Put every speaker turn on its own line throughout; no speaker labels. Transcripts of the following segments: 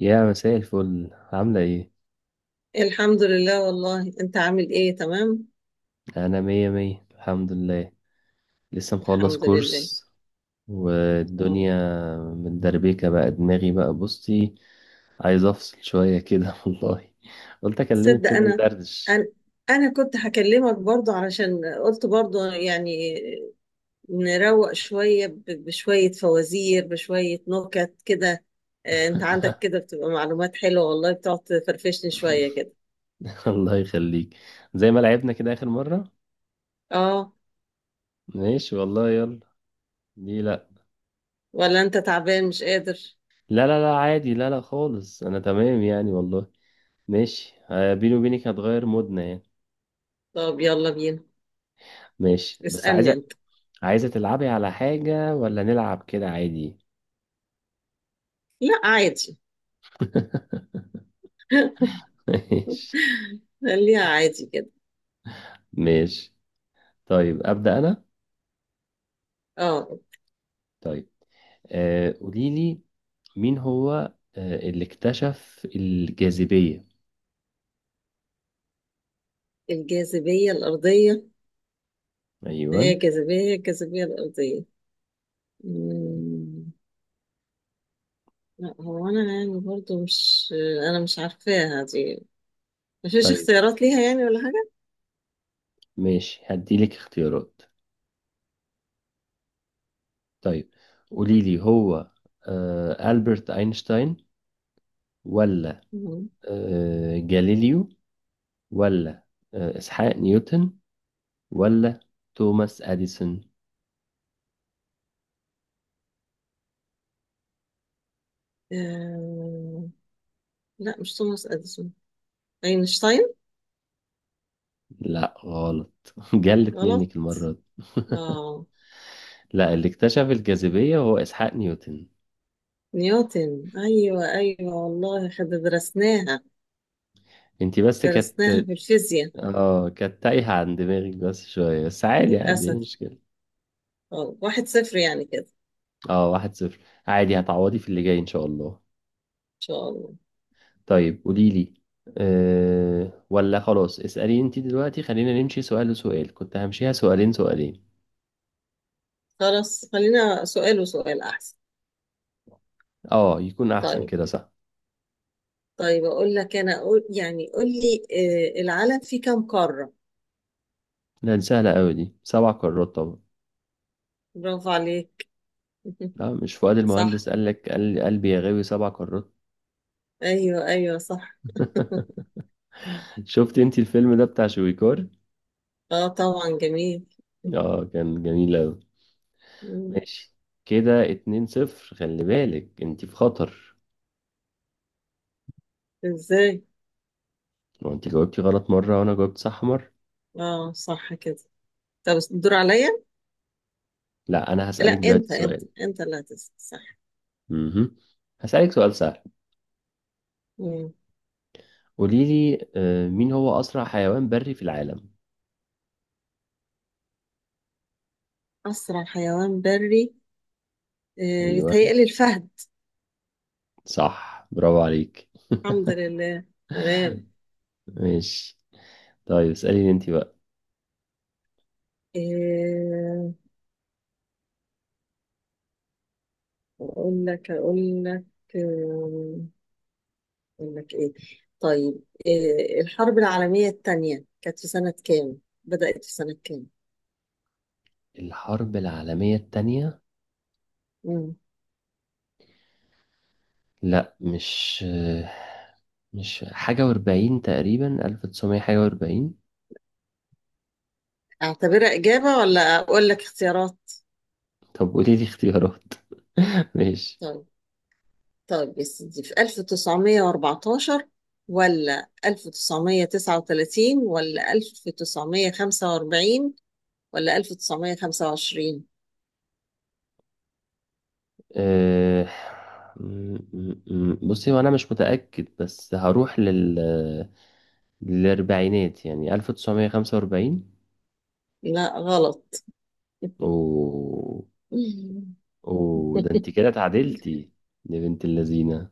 يا مساء الفل، عاملة ايه؟
الحمد لله، والله انت عامل ايه؟ تمام،
أنا مية مية الحمد لله. لسه مخلص
الحمد لله.
كورس،
اه.
والدنيا متدربكة بقى دماغي. بقى بصي، عايز أفصل شوية كده والله. قلت أكلمك
تصدق،
كده ندردش.
انا انا كنت هكلمك برضو علشان قلت برضو، يعني نروق شوية، بشوية فوازير، بشوية نكت كده. انت عندك كده بتبقى معلومات حلوة، والله بتقعد تفرفشني شوية كده.
الله يخليك. زي ما لعبنا كده آخر مرة؟
اه،
ماشي والله، يلا. دي لأ.
ولا انت تعبان مش قادر؟
لا لا لا، عادي، لا لا خالص، أنا تمام يعني والله. ماشي، بيني وبينك هتغير مودنا يعني.
طب، يلا بينا.
ماشي، بس عايز،
اسألني انت.
عايزة تلعبي على حاجة ولا نلعب كده عادي؟
لا، عادي.
ماشي.
خليها عادي كده.
ماشي، طيب أبدأ أنا.
اه،
طيب قوليلي، مين هو اللي اكتشف الجاذبية؟
الجاذبية الأرضية.
أيوة.
هي الجاذبية الأرضية. مم. لا، هو أنا يعني برضو مش، أنا مش عارفاها دي. مفيش
طيب،
اختيارات ليها يعني ولا حاجة.
ماشي هديلك اختيارات. طيب قوليلي، هو ألبرت أينشتاين، ولا
مم.
جاليليو، ولا إسحاق نيوتن، ولا توماس أديسون؟
آه... لا، مش توماس أديسون. أينشتاين.
لا غلط، جلت
غلط.
منك المرة دي.
آه
لا، اللي اكتشف الجاذبية هو إسحاق نيوتن.
نيوتن، أيوة أيوة والله، خد درسناها.
انتي بس
درسناها
كانت،
في الفيزياء.
اه كانت تايهة عن دماغك بس شوية، بس عادي عادي مش
للأسف.
مشكلة.
1-0 يعني كده.
اه، واحد صفر. عادي، هتعوضي في اللي جاي إن شاء الله.
إن شاء الله.
طيب قوليلي، أه ولا خلاص اسألي انتي دلوقتي. خلينا نمشي سؤال لسؤال، كنت همشيها سؤالين سؤالين.
خلاص، خلينا سؤال وسؤال أحسن.
اه يكون أحسن
طيب.
كده، صح.
طيب، اقول لك انا أقول يعني قول لي. العالم فيه كم قارة؟
لا دي سهلة أوي، دي سبع قارات طبعا.
برافو عليك.
لا، مش فؤاد
صح.
المهندس قال لك، قال قلبي يا غاوي سبع قارات؟
ايوه ايوه صح.
شفت انتي الفيلم ده بتاع شويكار؟
اه طبعا، جميل.
اه، كان جميل أوي.
مم.
ماشي. كده اتنين صفر، خلي بالك انت في خطر.
ازاي؟
لو انت جاوبتي غلط مرة وانا جاوبت صح مرة.
اه، صح كده. طب، الدور عليا.
لا انا
لا،
هسألك
انت
دلوقتي
انت
سؤال.
انت اللي هتسأل، صح؟
امم هسألك سؤال سهل.
مم.
قولي لي، مين هو اسرع حيوان بري في العالم؟
اسرع حيوان بري.
ايوه،
بيتهيألي الفهد.
صح، برافو عليك.
الحمد لله. تمام.
ماشي، طيب اسأليني انت بقى.
آه، اقول لك. آه، اقول لك ايه. طيب، إيه الحرب العالمية الثانية كانت في سنة كام؟ بدأت في سنة كام؟
الحرب العالمية التانية؟
مم.
لا، مش حاجة واربعين، تقريبا ألف تسعمية حاجة واربعين.
اعتبرها إجابة ولا اقول لك اختيارات؟
طب قولي لي اختيارات. ماشي.
طيب. طيب، يا سيدي، في 1914 ولا 1939 ولا 1945 ولا 1925؟
أه... بصي، وانا مش متأكد بس هروح لل، للأربعينات، يعني 1945.
لا، غلط.
و... و ده انت كده اتعادلتي، يا بنت اللذينة.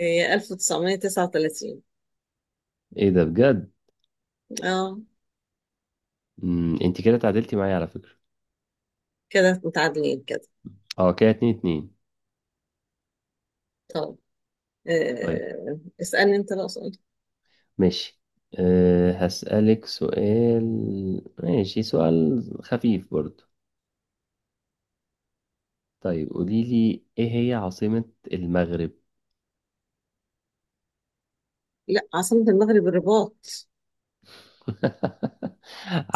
هي 1939.
ايه ده بجد؟
اه،
م، انت كده اتعادلتي معايا على فكرة.
كده متعادلين كده.
اه، كده اتنين اتنين.
طب،
طيب
اسألني انت بقى سؤال.
ماشي، أه هسألك سؤال، ماشي سؤال خفيف برضو. طيب قولي لي، ايه هي عاصمة المغرب؟
لا، عاصمة المغرب الرباط.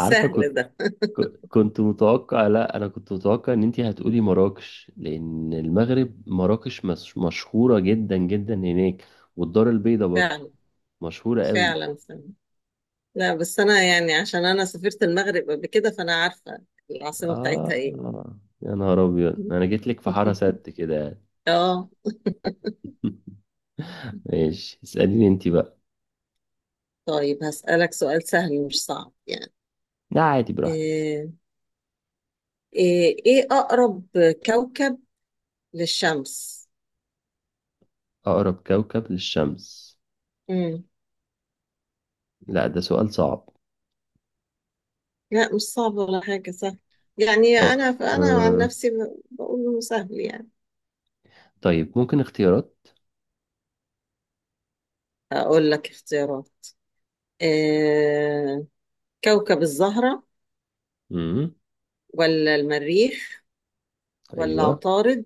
عارفة.
ده.
كنت متوقع، لا انا كنت متوقع ان انتي هتقولي مراكش، لان المغرب مراكش مش مشهورة جدا جدا هناك، والدار البيضاء برضو
فعلا
مشهورة قوي.
فعلا فعلا، لا بس انا يعني عشان انا سافرت المغرب قبل كده، فانا عارفة العاصمة بتاعتها ايه.
اه يا نهار ابيض، انا جيت لك في حارة سد كده يعني.
اه،
ماشي، اسأليني انتي بقى.
طيب، هسألك سؤال سهل مش صعب يعني.
لا عادي، براحتك.
ايه إيه اقرب كوكب للشمس؟
اقرب كوكب للشمس؟
مم.
لا ده سؤال صعب.
لا، مش صعب ولا حاجة، سهل. يعني انا
اه
انا عن نفسي، بقول انه سهل يعني.
طيب ممكن اختيارات؟
اقول لك اختيارات. آه، كوكب الزهرة،
امم
ولا المريخ، ولا
ايوه،
عطارد،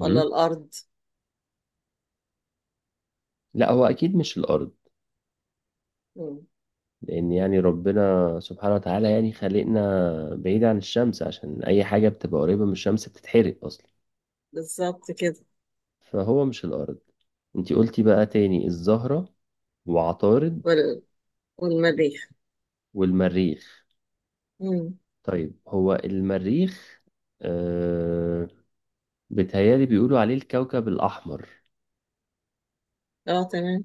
ولا الأرض؟
لا هو اكيد مش الارض،
مم.
لأن يعني ربنا سبحانه وتعالى يعني خلقنا بعيد عن الشمس، عشان أي حاجة بتبقى قريبة من الشمس بتتحرق أصلا،
بالظبط كده.
فهو مش الأرض. انتي قلتي بقى تاني الزهرة وعطارد
وال... والمريخ.
والمريخ.
مم.
طيب، هو المريخ، آه بيتهيألي بيقولوا عليه الكوكب الأحمر،
اه، تمام.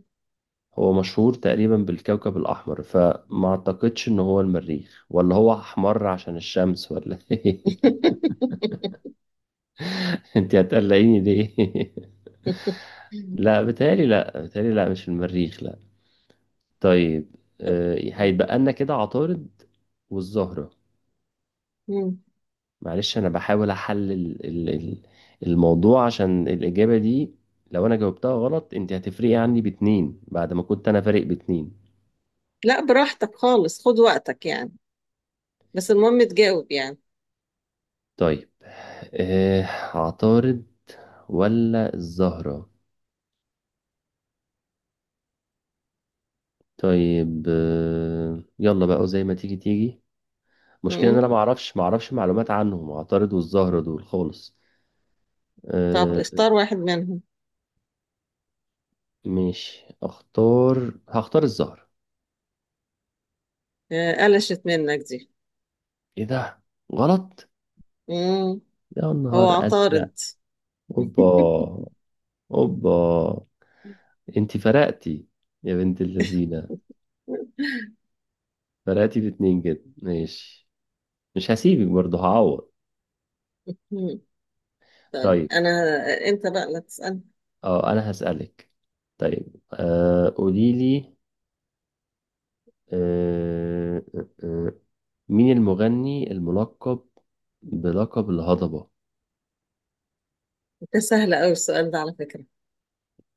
هو مشهور تقريبا بالكوكب الأحمر، فما أعتقدش إن هو المريخ، ولا هو أحمر عشان الشمس، ولا إيه؟ انتي هتقلقيني ليه؟
مم.
لا بتهيألي، لا بتهيألي، لا مش في المريخ لا. طيب هيتبقى لنا كده عطارد والزهرة.
مم.
معلش، أنا بحاول أحلل الموضوع عشان الإجابة دي. لو أنا جاوبتها غلط أنت هتفرقي عني باتنين، بعد ما كنت أنا فارق باتنين.
لا، براحتك خالص، خد وقتك يعني. بس المهم تجاوب يعني.
طيب آه، عطارد ولا الزهرة؟ طيب يلا بقى زي ما تيجي تيجي. مشكلة إن
مم.
أنا معرفش معلومات عنهم، عطارد والزهرة دول خالص.
طب،
آه،
اختار واحد منهم.
مش اختار، هختار الزهر.
قلشت منك دي.
ايه ده؟ غلط؟
مم.
يا
هو
نهار ازرق.
عطارد.
اوبا، اوبا. انتي فرقتي، يا بنت اللذينه، فرقتي باتنين، جدا ماشي، مش هسيبك برضه، هعوض.
مم. طيب
طيب،
انا. انت بقى لا تسأل.
اه انا هسألك. طيب قولي لي، آه آه آه، مين المغني الملقب بلقب الهضبة؟
انت سهل قوي السؤال ده على فكرة.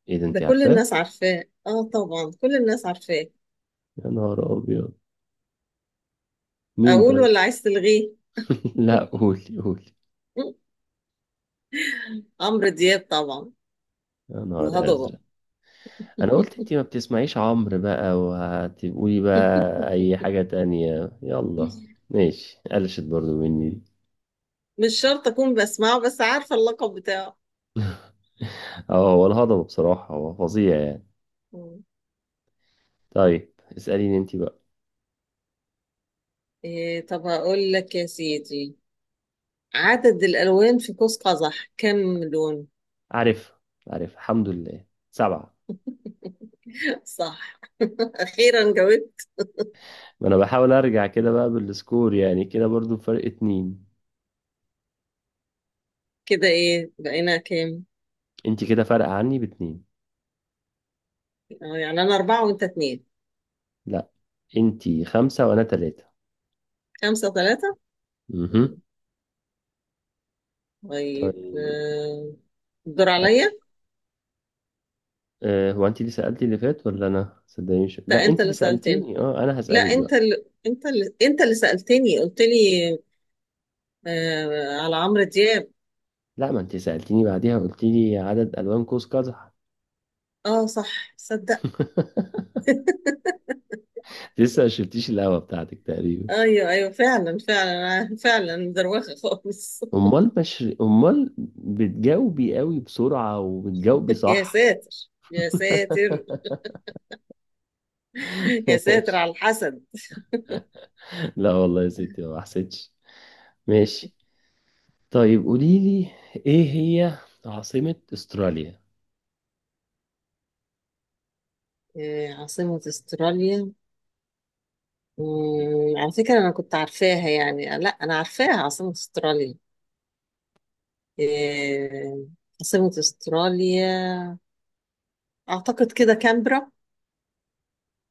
ايه ده،
ده
انتي
كل
عارفاه؟
الناس عارفاه، اه طبعا كل الناس عارفاه.
يا نهار ابيض. مين
اقول
طيب؟
ولا عايز تلغيه؟
لا قولي، قولي.
م- عمرو دياب طبعا.
يا نهار
الهضبة.
أزرق. أنا قلت أنتي ما بتسمعيش عمرو بقى وهتقولي بقى أي حاجة تانية، يلا. ماشي، قلشت برضو مني دي.
مش شرط اكون بسمعه، بس عارفة اللقب بتاعه.
اه، هو الهضبة بصراحة هو فظيع يعني.
م.
طيب اسأليني أنتي بقى.
إيه؟ طب، هقول لك يا سيدي، عدد الالوان في قوس قزح كم لون؟
عارف، عارف الحمد لله، سبعة.
صح. اخيرا جاوبت.
ما أنا بحاول أرجع كده بقى بالسكور، يعني كده برضو فرق اتنين.
كده ايه بقينا كام؟
أنتي كده فارقة عني باتنين.
يعني انا اربعة وانت اتنين.
لا، أنتي خمسة وأنا تلاتة.
5-3.
مهم.
طيب،
طيب
الدور عليا.
هو انت اللي سألتي اللي فات ولا انا؟ صدقني مش،
لا،
لا
انت
انت اللي
اللي سألتني.
سألتيني. اه انا
لا،
هسألك
انت
بقى.
اللي انت اللي انت اللي سألتني، قلت لي، على عمرو دياب.
لا، ما انت سألتيني بعديها، قلت لي عدد الوان قوس قزح.
اه صح، صدق.
لسه ما شربتيش القهوة بتاعتك تقريبا.
ايوه ايوه فعلا فعلا، فعلا دروخه خالص.
امال، مش امال بتجاوبي قوي بسرعة وبتجاوبي
يا
صح.
ساتر، يا ساتر، يا ساتر
ماشي.
على الحسد.
لا والله يا ستي ما حسيتش. ماشي، طيب قولي لي، ايه هي عاصمة استراليا؟
عاصمة استراليا.
طيب.
على فكرة انا كنت عارفاها يعني، لا انا عارفاها عاصمة استراليا. آه عاصمة استراليا، اعتقد كده كامبرا.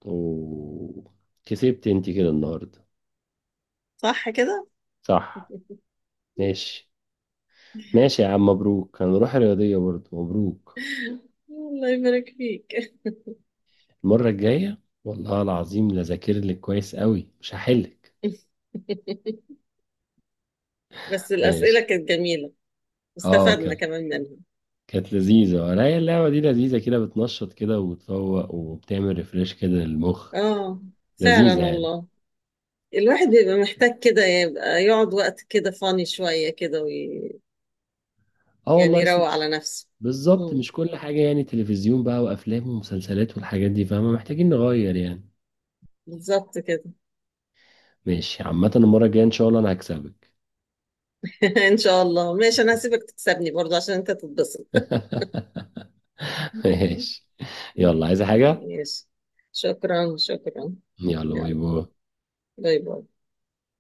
اوه، كسبت انت كده النهارده.
صح كده.
صح. ماشي، ماشي يا عم، مبروك، هنروح الرياضية برضه، مبروك.
الله يبارك فيك.
المرة الجاية والله العظيم لا ذاكر لك كويس قوي، مش هحلك.
بس الأسئلة
ماشي،
كانت جميلة.
اه
استفدنا
كانت،
كمان منها.
كانت لذيذة. ولا هي اللعبة دي لذيذة كده، بتنشط كده وبتفوق وبتعمل ريفريش كده للمخ،
اه فعلا
لذيذة يعني.
والله. الواحد بيبقى محتاج كده يبقى يقعد وقت كده فاني شوية كده،
اه
يعني
والله، اصل
يروق
مش،
على نفسه.
بالظبط،
مم.
مش كل حاجة يعني تلفزيون بقى وأفلام ومسلسلات والحاجات دي، فاهمة، محتاجين نغير يعني.
بالظبط كده.
ماشي، عامة المرة الجاية إن شاء الله أنا هكسبك.
إن شاء الله، ماشي، أنا هسيبك تكسبني برضه عشان أنت تتبسط.
ماشي. يلا، عايزة حاجة؟
ماشي. شكرا شكرا.
يلا، باي
يلا،
باي.
باي باي.